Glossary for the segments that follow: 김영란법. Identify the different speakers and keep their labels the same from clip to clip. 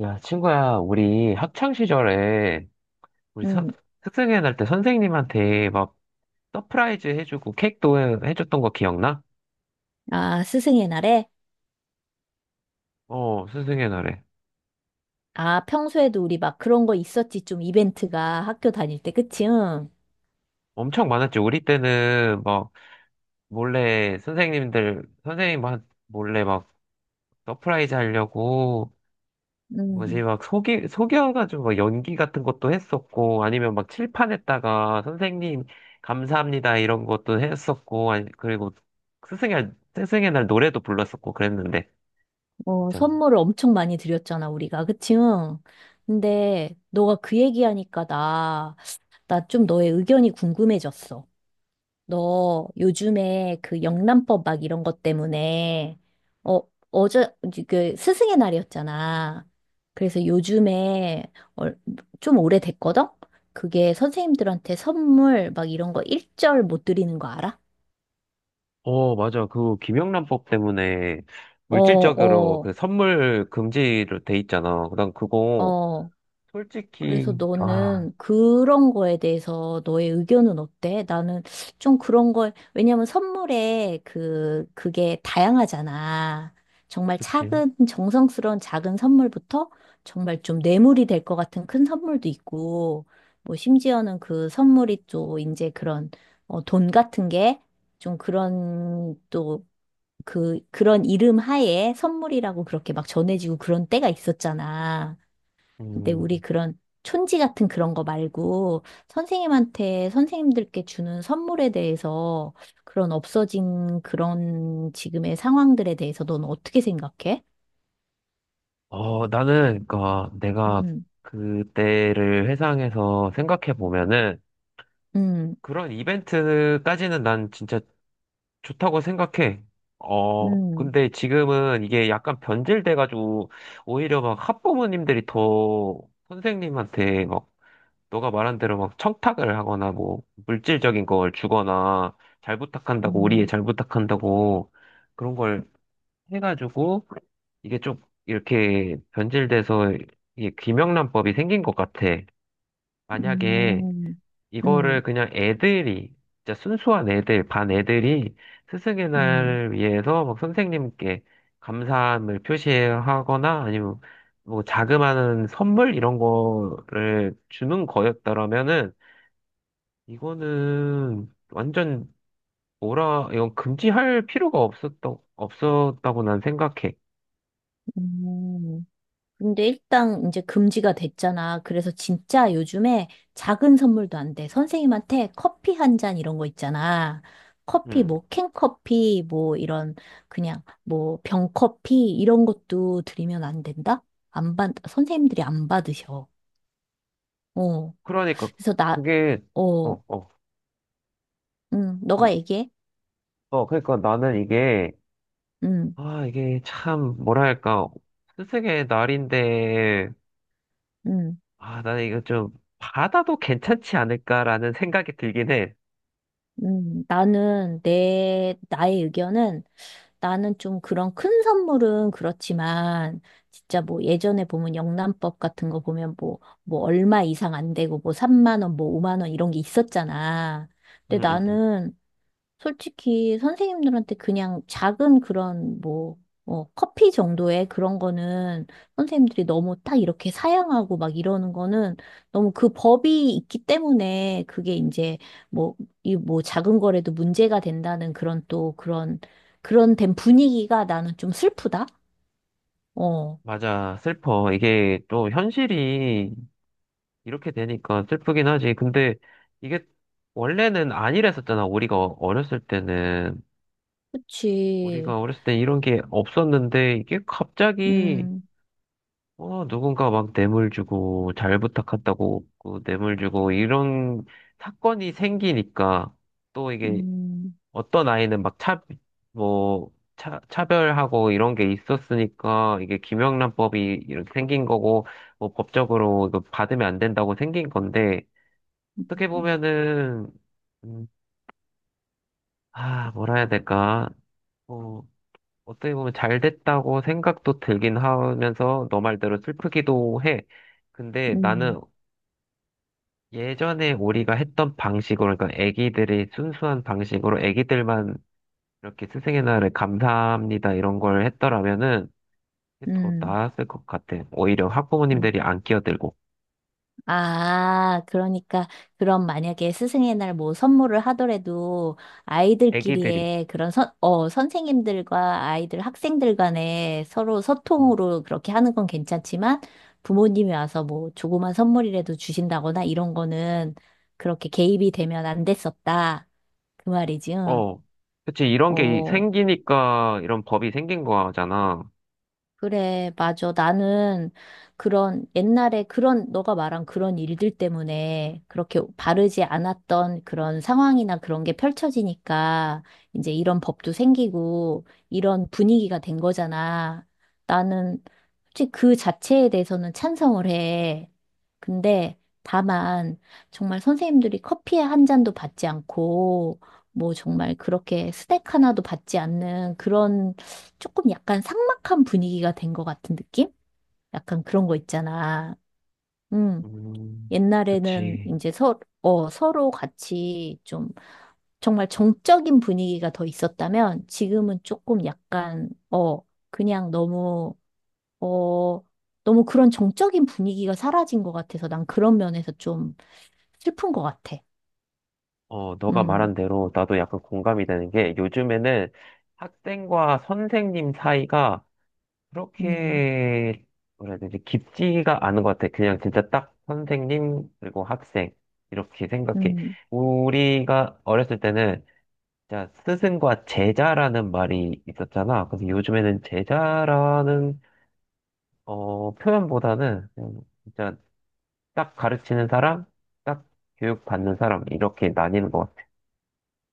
Speaker 1: 야, 친구야, 우리 학창 시절에 우리 선,
Speaker 2: 음.
Speaker 1: 학생회 날 때 선생님한테 막 서프라이즈 해주고 해줬던 거 기억나?
Speaker 2: 아, 스승의 날에?
Speaker 1: 어, 선생회 날에.
Speaker 2: 아, 평소에도 우리 막 그런 거 있었지. 좀 이벤트가 학교 다닐 때, 그치? 응.
Speaker 1: 엄청 많았지. 우리 때는 막 몰래 선생님 막 몰래 막 서프라이즈 하려고 뭐지
Speaker 2: 음.
Speaker 1: 막 속이 속여가지고 막 연기 같은 것도 했었고, 아니면 막 칠판에다가 선생님 감사합니다 이런 것도 했었고. 아니 그리고 스승의 스승의 날 노래도 불렀었고 그랬는데
Speaker 2: 어,
Speaker 1: 진짜.
Speaker 2: 선물을 엄청 많이 드렸잖아, 우리가. 그치? 응. 근데 너가 그 얘기하니까 나 좀 너의 의견이 궁금해졌어. 너 요즘에 그 영란법 막 이런 것 때문에 어 어제 그 스승의 날이었잖아. 그래서 요즘에 얼- 좀 오래됐거든. 그게 선생님들한테 선물 막 이런 거 일절 못 드리는 거 알아?
Speaker 1: 어, 맞아. 그 김영란법 때문에
Speaker 2: 어,
Speaker 1: 물질적으로
Speaker 2: 어,
Speaker 1: 그 선물 금지로 돼 있잖아. 난 그거
Speaker 2: 어. 그래서
Speaker 1: 솔직히 아,
Speaker 2: 너는 그런 거에 대해서 너의 의견은 어때? 나는 좀 그런 걸, 왜냐면 선물에 그게 다양하잖아. 정말
Speaker 1: 그치.
Speaker 2: 작은, 정성스러운 작은 선물부터 정말 좀 뇌물이 될 것 같은 큰 선물도 있고, 뭐 심지어는 그 선물이 또 이제 그런, 돈 같은 게 좀 그런 또 그런 이름 하에 선물이라고 그렇게 막 전해지고 그런 때가 있었잖아. 근데 우리
Speaker 1: 음.
Speaker 2: 그런 촌지 같은 그런 거 말고 선생님한테 선생님들께 주는 선물에 대해서 그런 없어진 그런 지금의 상황들에 대해서 넌 어떻게 생각해?
Speaker 1: 어, 나는 그니까 내가
Speaker 2: 음,
Speaker 1: 그때를 회상해서 생각해 보면은
Speaker 2: 음,
Speaker 1: 그런 이벤트까지는 난 진짜 좋다고 생각해. 어,
Speaker 2: 음,
Speaker 1: 근데 지금은 이게 약간 변질돼가지고 오히려 막 학부모님들이 더 선생님한테 막 너가 말한 대로 막 청탁을 하거나 뭐 물질적인 걸 주거나 잘 부탁한다고 우리
Speaker 2: 음,
Speaker 1: 애잘 부탁한다고 그런 걸 해가지고 이게 좀 이렇게 변질돼서 이게 김명란법이 생긴 것 같아. 만약에
Speaker 2: 음, 음, 음,
Speaker 1: 이거를 그냥 애들이 진짜 순수한 애들, 반 애들이 스승의
Speaker 2: 음.
Speaker 1: 날 위해서 막 선생님께 감사함을 표시하거나 아니면 뭐 자그마한 선물 이런 거를 주는 거였더라면은 이거는 완전 뭐라 이건 금지할 필요가 없었다고 난 생각해.
Speaker 2: 음. 근데 일단 이제 금지가 됐잖아. 그래서 진짜 요즘에 작은 선물도 안 돼. 선생님한테 커피 한 잔 이런 거 있잖아. 커피
Speaker 1: 음.
Speaker 2: 뭐 캔커피 뭐 이런 그냥 뭐 병커피 이런 것도 드리면 안 된다? 안 받, 선생님들이 안 받으셔. 어.
Speaker 1: 그러니까
Speaker 2: 그래서 나,
Speaker 1: 그게 어,
Speaker 2: 어,
Speaker 1: 어.
Speaker 2: 응,
Speaker 1: 음.
Speaker 2: 너가 얘기해.
Speaker 1: 어, 그러니까 나는 이게
Speaker 2: 응,
Speaker 1: 아, 이게 참 뭐랄까? 스승의 날인데
Speaker 2: 응.
Speaker 1: 아, 나는 이거 좀 받아도 괜찮지 않을까라는 생각이 들긴 해.
Speaker 2: 나는 나의 의견은 나는 좀 그런 큰 선물은 그렇지만 진짜 뭐 예전에 보면 영란법 같은 거 보면 뭐 얼마 이상 안 되고 뭐 3만 원, 뭐 5만 원 이런 게 있었잖아.
Speaker 1: 음,
Speaker 2: 근데
Speaker 1: 음, 음.
Speaker 2: 나는 솔직히 선생님들한테 그냥 작은 그런 뭐, 커피 정도의 그런 거는 선생님들이 너무 딱 이렇게 사양하고 막 이러는 거는 너무 그 법이 있기 때문에 그게 이제 뭐, 이 뭐 작은 거라도 문제가 된다는 그런 또 그런, 그런 된 분위기가 나는 좀 슬프다? 어,
Speaker 1: 맞아. 슬퍼. 이게 또 현실이 이렇게 되니까 슬프긴 하지. 근데 이게 원래는 아니랬었잖아. 우리가 어렸을 때는.
Speaker 2: 그치.
Speaker 1: 우리가 어렸을 때 이런 게 없었는데 이게 갑자기
Speaker 2: 음,
Speaker 1: 어, 누군가 막 뇌물 주고 잘 부탁한다고 그 뇌물 주고 이런 사건이 생기니까 또 이게
Speaker 2: 음,
Speaker 1: 어떤 아이는 막 차, 뭐, 차별하고 이런 게 있었으니까 이게 김영란법이 이렇게 생긴 거고 뭐 법적으로 이거 받으면 안 된다고 생긴 건데 어떻게
Speaker 2: 음,
Speaker 1: 보면은, 음, 아, 뭐라 해야 될까. 어, 어떻게 보면 잘 됐다고 생각도 들긴 하면서 너 말대로 슬프기도 해. 근데
Speaker 2: 음,
Speaker 1: 나는 예전에 우리가 했던 방식으로, 그러니까 애기들이 순수한 방식으로 애기들만 이렇게 스승의 날에 감사합니다 이런 걸 했더라면은 더
Speaker 2: 음.
Speaker 1: 나았을 것 같아. 오히려
Speaker 2: 음.
Speaker 1: 학부모님들이 안 끼어들고,
Speaker 2: 아, 그러니까, 그럼 만약에 스승의 날 뭐 선물을 하더라도
Speaker 1: 애기들이.
Speaker 2: 아이들끼리의 그런 선생님들과 아이들, 학생들 간에 서로 소통으로 그렇게 하는 건 괜찮지만 부모님이 와서 뭐 조그만 선물이라도 주신다거나 이런 거는 그렇게 개입이 되면 안 됐었다. 그 말이지, 응.
Speaker 1: 어, 그치, 이런 게
Speaker 2: 어,
Speaker 1: 생기니까 이런 법이 생긴 거잖아.
Speaker 2: 그래, 맞아. 나는 그런 옛날에 그런 너가 말한 그런 일들 때문에 그렇게 바르지 않았던 그런 상황이나 그런 게 펼쳐지니까 이제 이런 법도 생기고 이런 분위기가 된 거잖아. 나는 솔직히 그 자체에 대해서는 찬성을 해. 근데 다만 정말 선생님들이 커피 한 잔도 받지 않고 뭐 정말 그렇게 스낵 하나도 받지 않는 그런 조금 약간 삭막한 분위기가 된 것 같은 느낌? 약간 그런 거 있잖아. 음,
Speaker 1: 음,
Speaker 2: 옛날에는
Speaker 1: 그치.
Speaker 2: 이제 서로 같이 좀 정말 정적인 분위기가 더 있었다면 지금은 조금 약간, 그냥 너무, 어, 너무 그런 정적인 분위기가 사라진 것 같아서 난 그런 면에서 좀 슬픈 것 같아.
Speaker 1: 어, 너가
Speaker 2: 음,
Speaker 1: 말한 대로 나도 약간 공감이 되는 게 요즘에는 학생과 선생님 사이가
Speaker 2: 음,
Speaker 1: 그렇게 뭐라 해야 되지? 깊지가 않은 것 같아. 그냥 진짜 딱 선생님 그리고 학생 이렇게 생각해.
Speaker 2: 음.
Speaker 1: 우리가 어렸을 때는 진짜 스승과 제자라는 말이 있었잖아. 그래서 요즘에는 제자라는 어, 표현보다는 그냥 진짜 딱 가르치는 사람, 딱 교육받는 사람, 이렇게 나뉘는 것 같아요.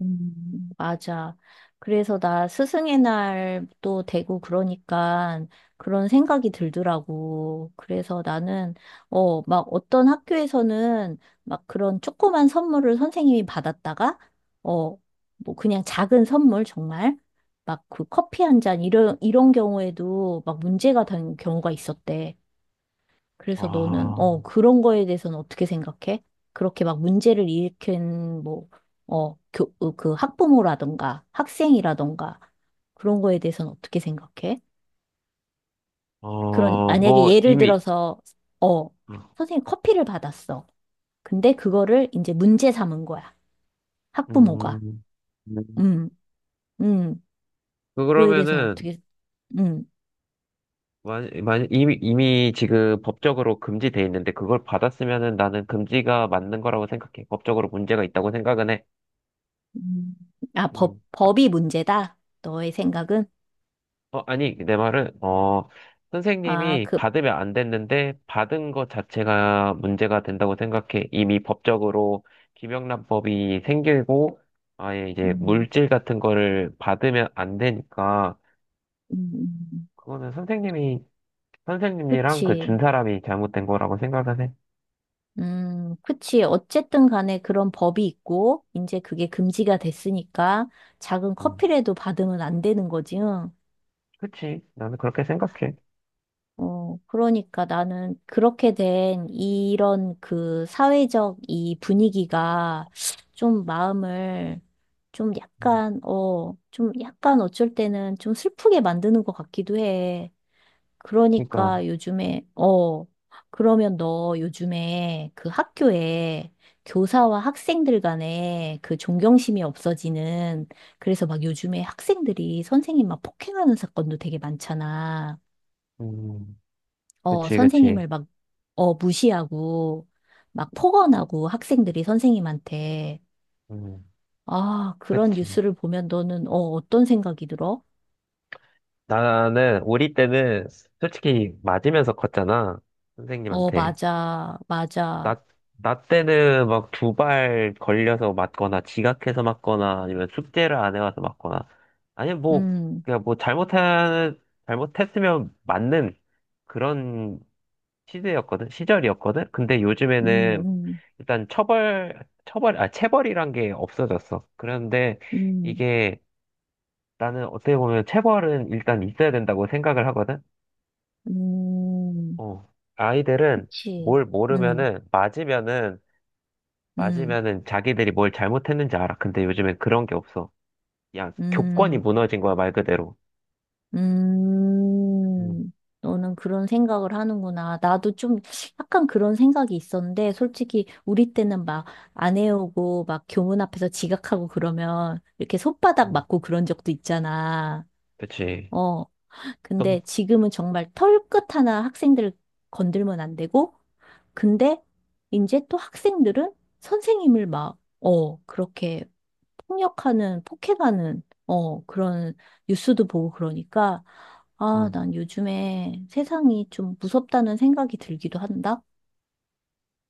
Speaker 2: 맞아. 그래서 나 스승의 날도 되고 그러니까 그런 생각이 들더라고. 그래서 나는, 막 어떤 학교에서는 막 그런 조그만 선물을 선생님이 받았다가, 어, 뭐 그냥 작은 선물 정말, 막 그 커피 한 잔 이런 경우에도 막 문제가 된 경우가 있었대. 그래서 너는,
Speaker 1: 아,
Speaker 2: 그런 거에 대해서는 어떻게 생각해? 그렇게 막 문제를 일으킨, 뭐, 그 학부모라던가 학생이라던가 그런 거에 대해서는 어떻게 생각해? 그런,
Speaker 1: 어,
Speaker 2: 만약에
Speaker 1: 뭐,
Speaker 2: 예를
Speaker 1: 이미,
Speaker 2: 들어서, 어,
Speaker 1: 음,
Speaker 2: 선생님 커피를 받았어. 근데 그거를 이제 문제 삼은 거야. 학부모가.
Speaker 1: 음,
Speaker 2: 음, 음, 그거에 대해서는
Speaker 1: 그러면은,
Speaker 2: 어떻게, 음,
Speaker 1: 이미 지금 법적으로 금지돼 있는데, 그걸 받았으면은 나는 금지가 맞는 거라고 생각해. 법적으로 문제가 있다고 생각은 해.
Speaker 2: 음. 아, 법,
Speaker 1: 음. 아,
Speaker 2: 법이 문제다? 너의 생각은?
Speaker 1: 어, 아니, 내 말은, 어,
Speaker 2: 아,
Speaker 1: 선생님이
Speaker 2: 그,
Speaker 1: 받으면 안 됐는데, 받은 것 자체가 문제가 된다고 생각해. 이미 법적으로 김영란법이 생기고, 아예 이제
Speaker 2: 음,
Speaker 1: 물질 같은 거를 받으면 안 되니까,
Speaker 2: 음, 음.
Speaker 1: 그거는 선생님이, 선생님이랑 그 준
Speaker 2: 그치.
Speaker 1: 사람이 잘못된 거라고 생각을 해.
Speaker 2: 그치. 어쨌든 간에 그런 법이 있고, 이제 그게 금지가 됐으니까 작은
Speaker 1: 음,
Speaker 2: 커피라도 받으면 안 되는 거지. 응?
Speaker 1: 그치. 나는 그렇게 생각해.
Speaker 2: 어, 그러니까 나는 그렇게 된 이런 그 사회적 이 분위기가 좀 마음을 좀
Speaker 1: 음,
Speaker 2: 약간, 좀 약간 어쩔 때는 좀 슬프게 만드는 것 같기도 해.
Speaker 1: 그러니까,
Speaker 2: 그러니까 요즘에, 그러면 너 요즘에 그 학교에 교사와 학생들 간에 그 존경심이 없어지는, 그래서 막 요즘에 학생들이 선생님 막 폭행하는 사건도 되게 많잖아.
Speaker 1: 음, 그치, 그치.
Speaker 2: 선생님을 막, 무시하고, 막 폭언하고 학생들이 선생님한테.
Speaker 1: 음,
Speaker 2: 아, 그런
Speaker 1: 그치.
Speaker 2: 뉴스를 보면 너는, 어떤 생각이 들어?
Speaker 1: 나는 우리 때는 솔직히 맞으면서 컸잖아.
Speaker 2: 어,
Speaker 1: 선생님한테.
Speaker 2: 맞아, 맞아.
Speaker 1: 나, 나 때는 막 두 발 걸려서 맞거나 지각해서 맞거나 아니면 숙제를 안 해와서 맞거나 아니면 뭐
Speaker 2: 음,
Speaker 1: 그냥 뭐 잘못한 잘못했으면 맞는 그런 시대였거든. 시절이었거든. 근데
Speaker 2: 음,
Speaker 1: 요즘에는
Speaker 2: 음.
Speaker 1: 일단 처벌 처벌 아 체벌이란 게 없어졌어. 그런데
Speaker 2: 음.
Speaker 1: 이게 나는 어떻게 보면 체벌은 일단 있어야 된다고 생각을 하거든.
Speaker 2: 음,
Speaker 1: 어, 아이들은
Speaker 2: 그치.
Speaker 1: 뭘
Speaker 2: 음,
Speaker 1: 모르면은,
Speaker 2: 음,
Speaker 1: 맞으면은 자기들이 뭘 잘못했는지 알아. 근데 요즘엔 그런 게 없어. 야 교권이
Speaker 2: 음,
Speaker 1: 무너진 거야, 말 그대로. 음,
Speaker 2: 음. 너는 그런 생각을 하는구나. 나도 좀 약간 그런 생각이 있었는데, 솔직히 우리 때는 막 안 해오고, 막 교문 앞에서 지각하고 그러면 이렇게 손바닥
Speaker 1: 음,
Speaker 2: 맞고 그런 적도 있잖아.
Speaker 1: 그치.
Speaker 2: 어.
Speaker 1: 또,
Speaker 2: 근데 지금은 정말 털끝 하나 학생들 건들면 안 되고, 근데 이제 또 학생들은 선생님을 막, 그렇게 폭력하는, 폭행하는, 그런 뉴스도 보고 그러니까, 아,
Speaker 1: 음,
Speaker 2: 난 요즘에 세상이 좀 무섭다는 생각이 들기도 한다?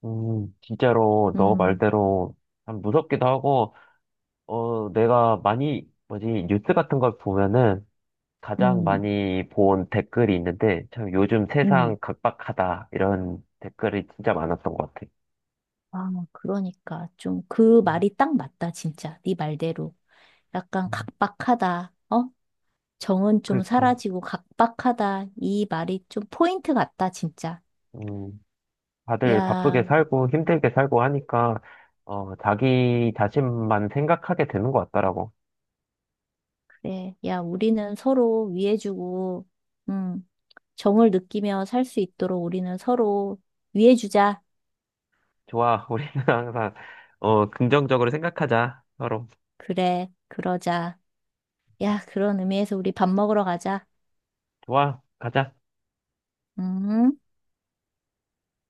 Speaker 1: 진짜로 너
Speaker 2: 음,
Speaker 1: 말대로 참 무섭기도 하고, 어, 내가 많이, 뭐지, 뉴스 같은 걸 보면은 가장
Speaker 2: 음,
Speaker 1: 많이 본 댓글이 있는데, 참 요즘
Speaker 2: 음.
Speaker 1: 세상 각박하다. 이런 댓글이 진짜 많았던 것 같아.
Speaker 2: 아, 그러니까 좀 그
Speaker 1: 음,
Speaker 2: 말이 딱 맞다, 진짜. 네 말대로. 약간
Speaker 1: 음.
Speaker 2: 각박하다, 어? 정은 좀
Speaker 1: 그니까.
Speaker 2: 사라지고 각박하다. 이 말이 좀 포인트 같다, 진짜.
Speaker 1: 다들 바쁘게
Speaker 2: 야,
Speaker 1: 살고 힘들게 살고 하니까 어, 자기 자신만 생각하게 되는 것 같더라고.
Speaker 2: 네, 야, 우리는 서로 위해주고, 음, 정을 느끼며 살 수 있도록 우리는 서로 위해주자.
Speaker 1: 좋아, 우리는 항상 어, 긍정적으로 생각하자. 서로
Speaker 2: 그래, 그러자. 야, 그런 의미에서 우리 밥 먹으러 가자.
Speaker 1: 좋아, 가자.
Speaker 2: 음.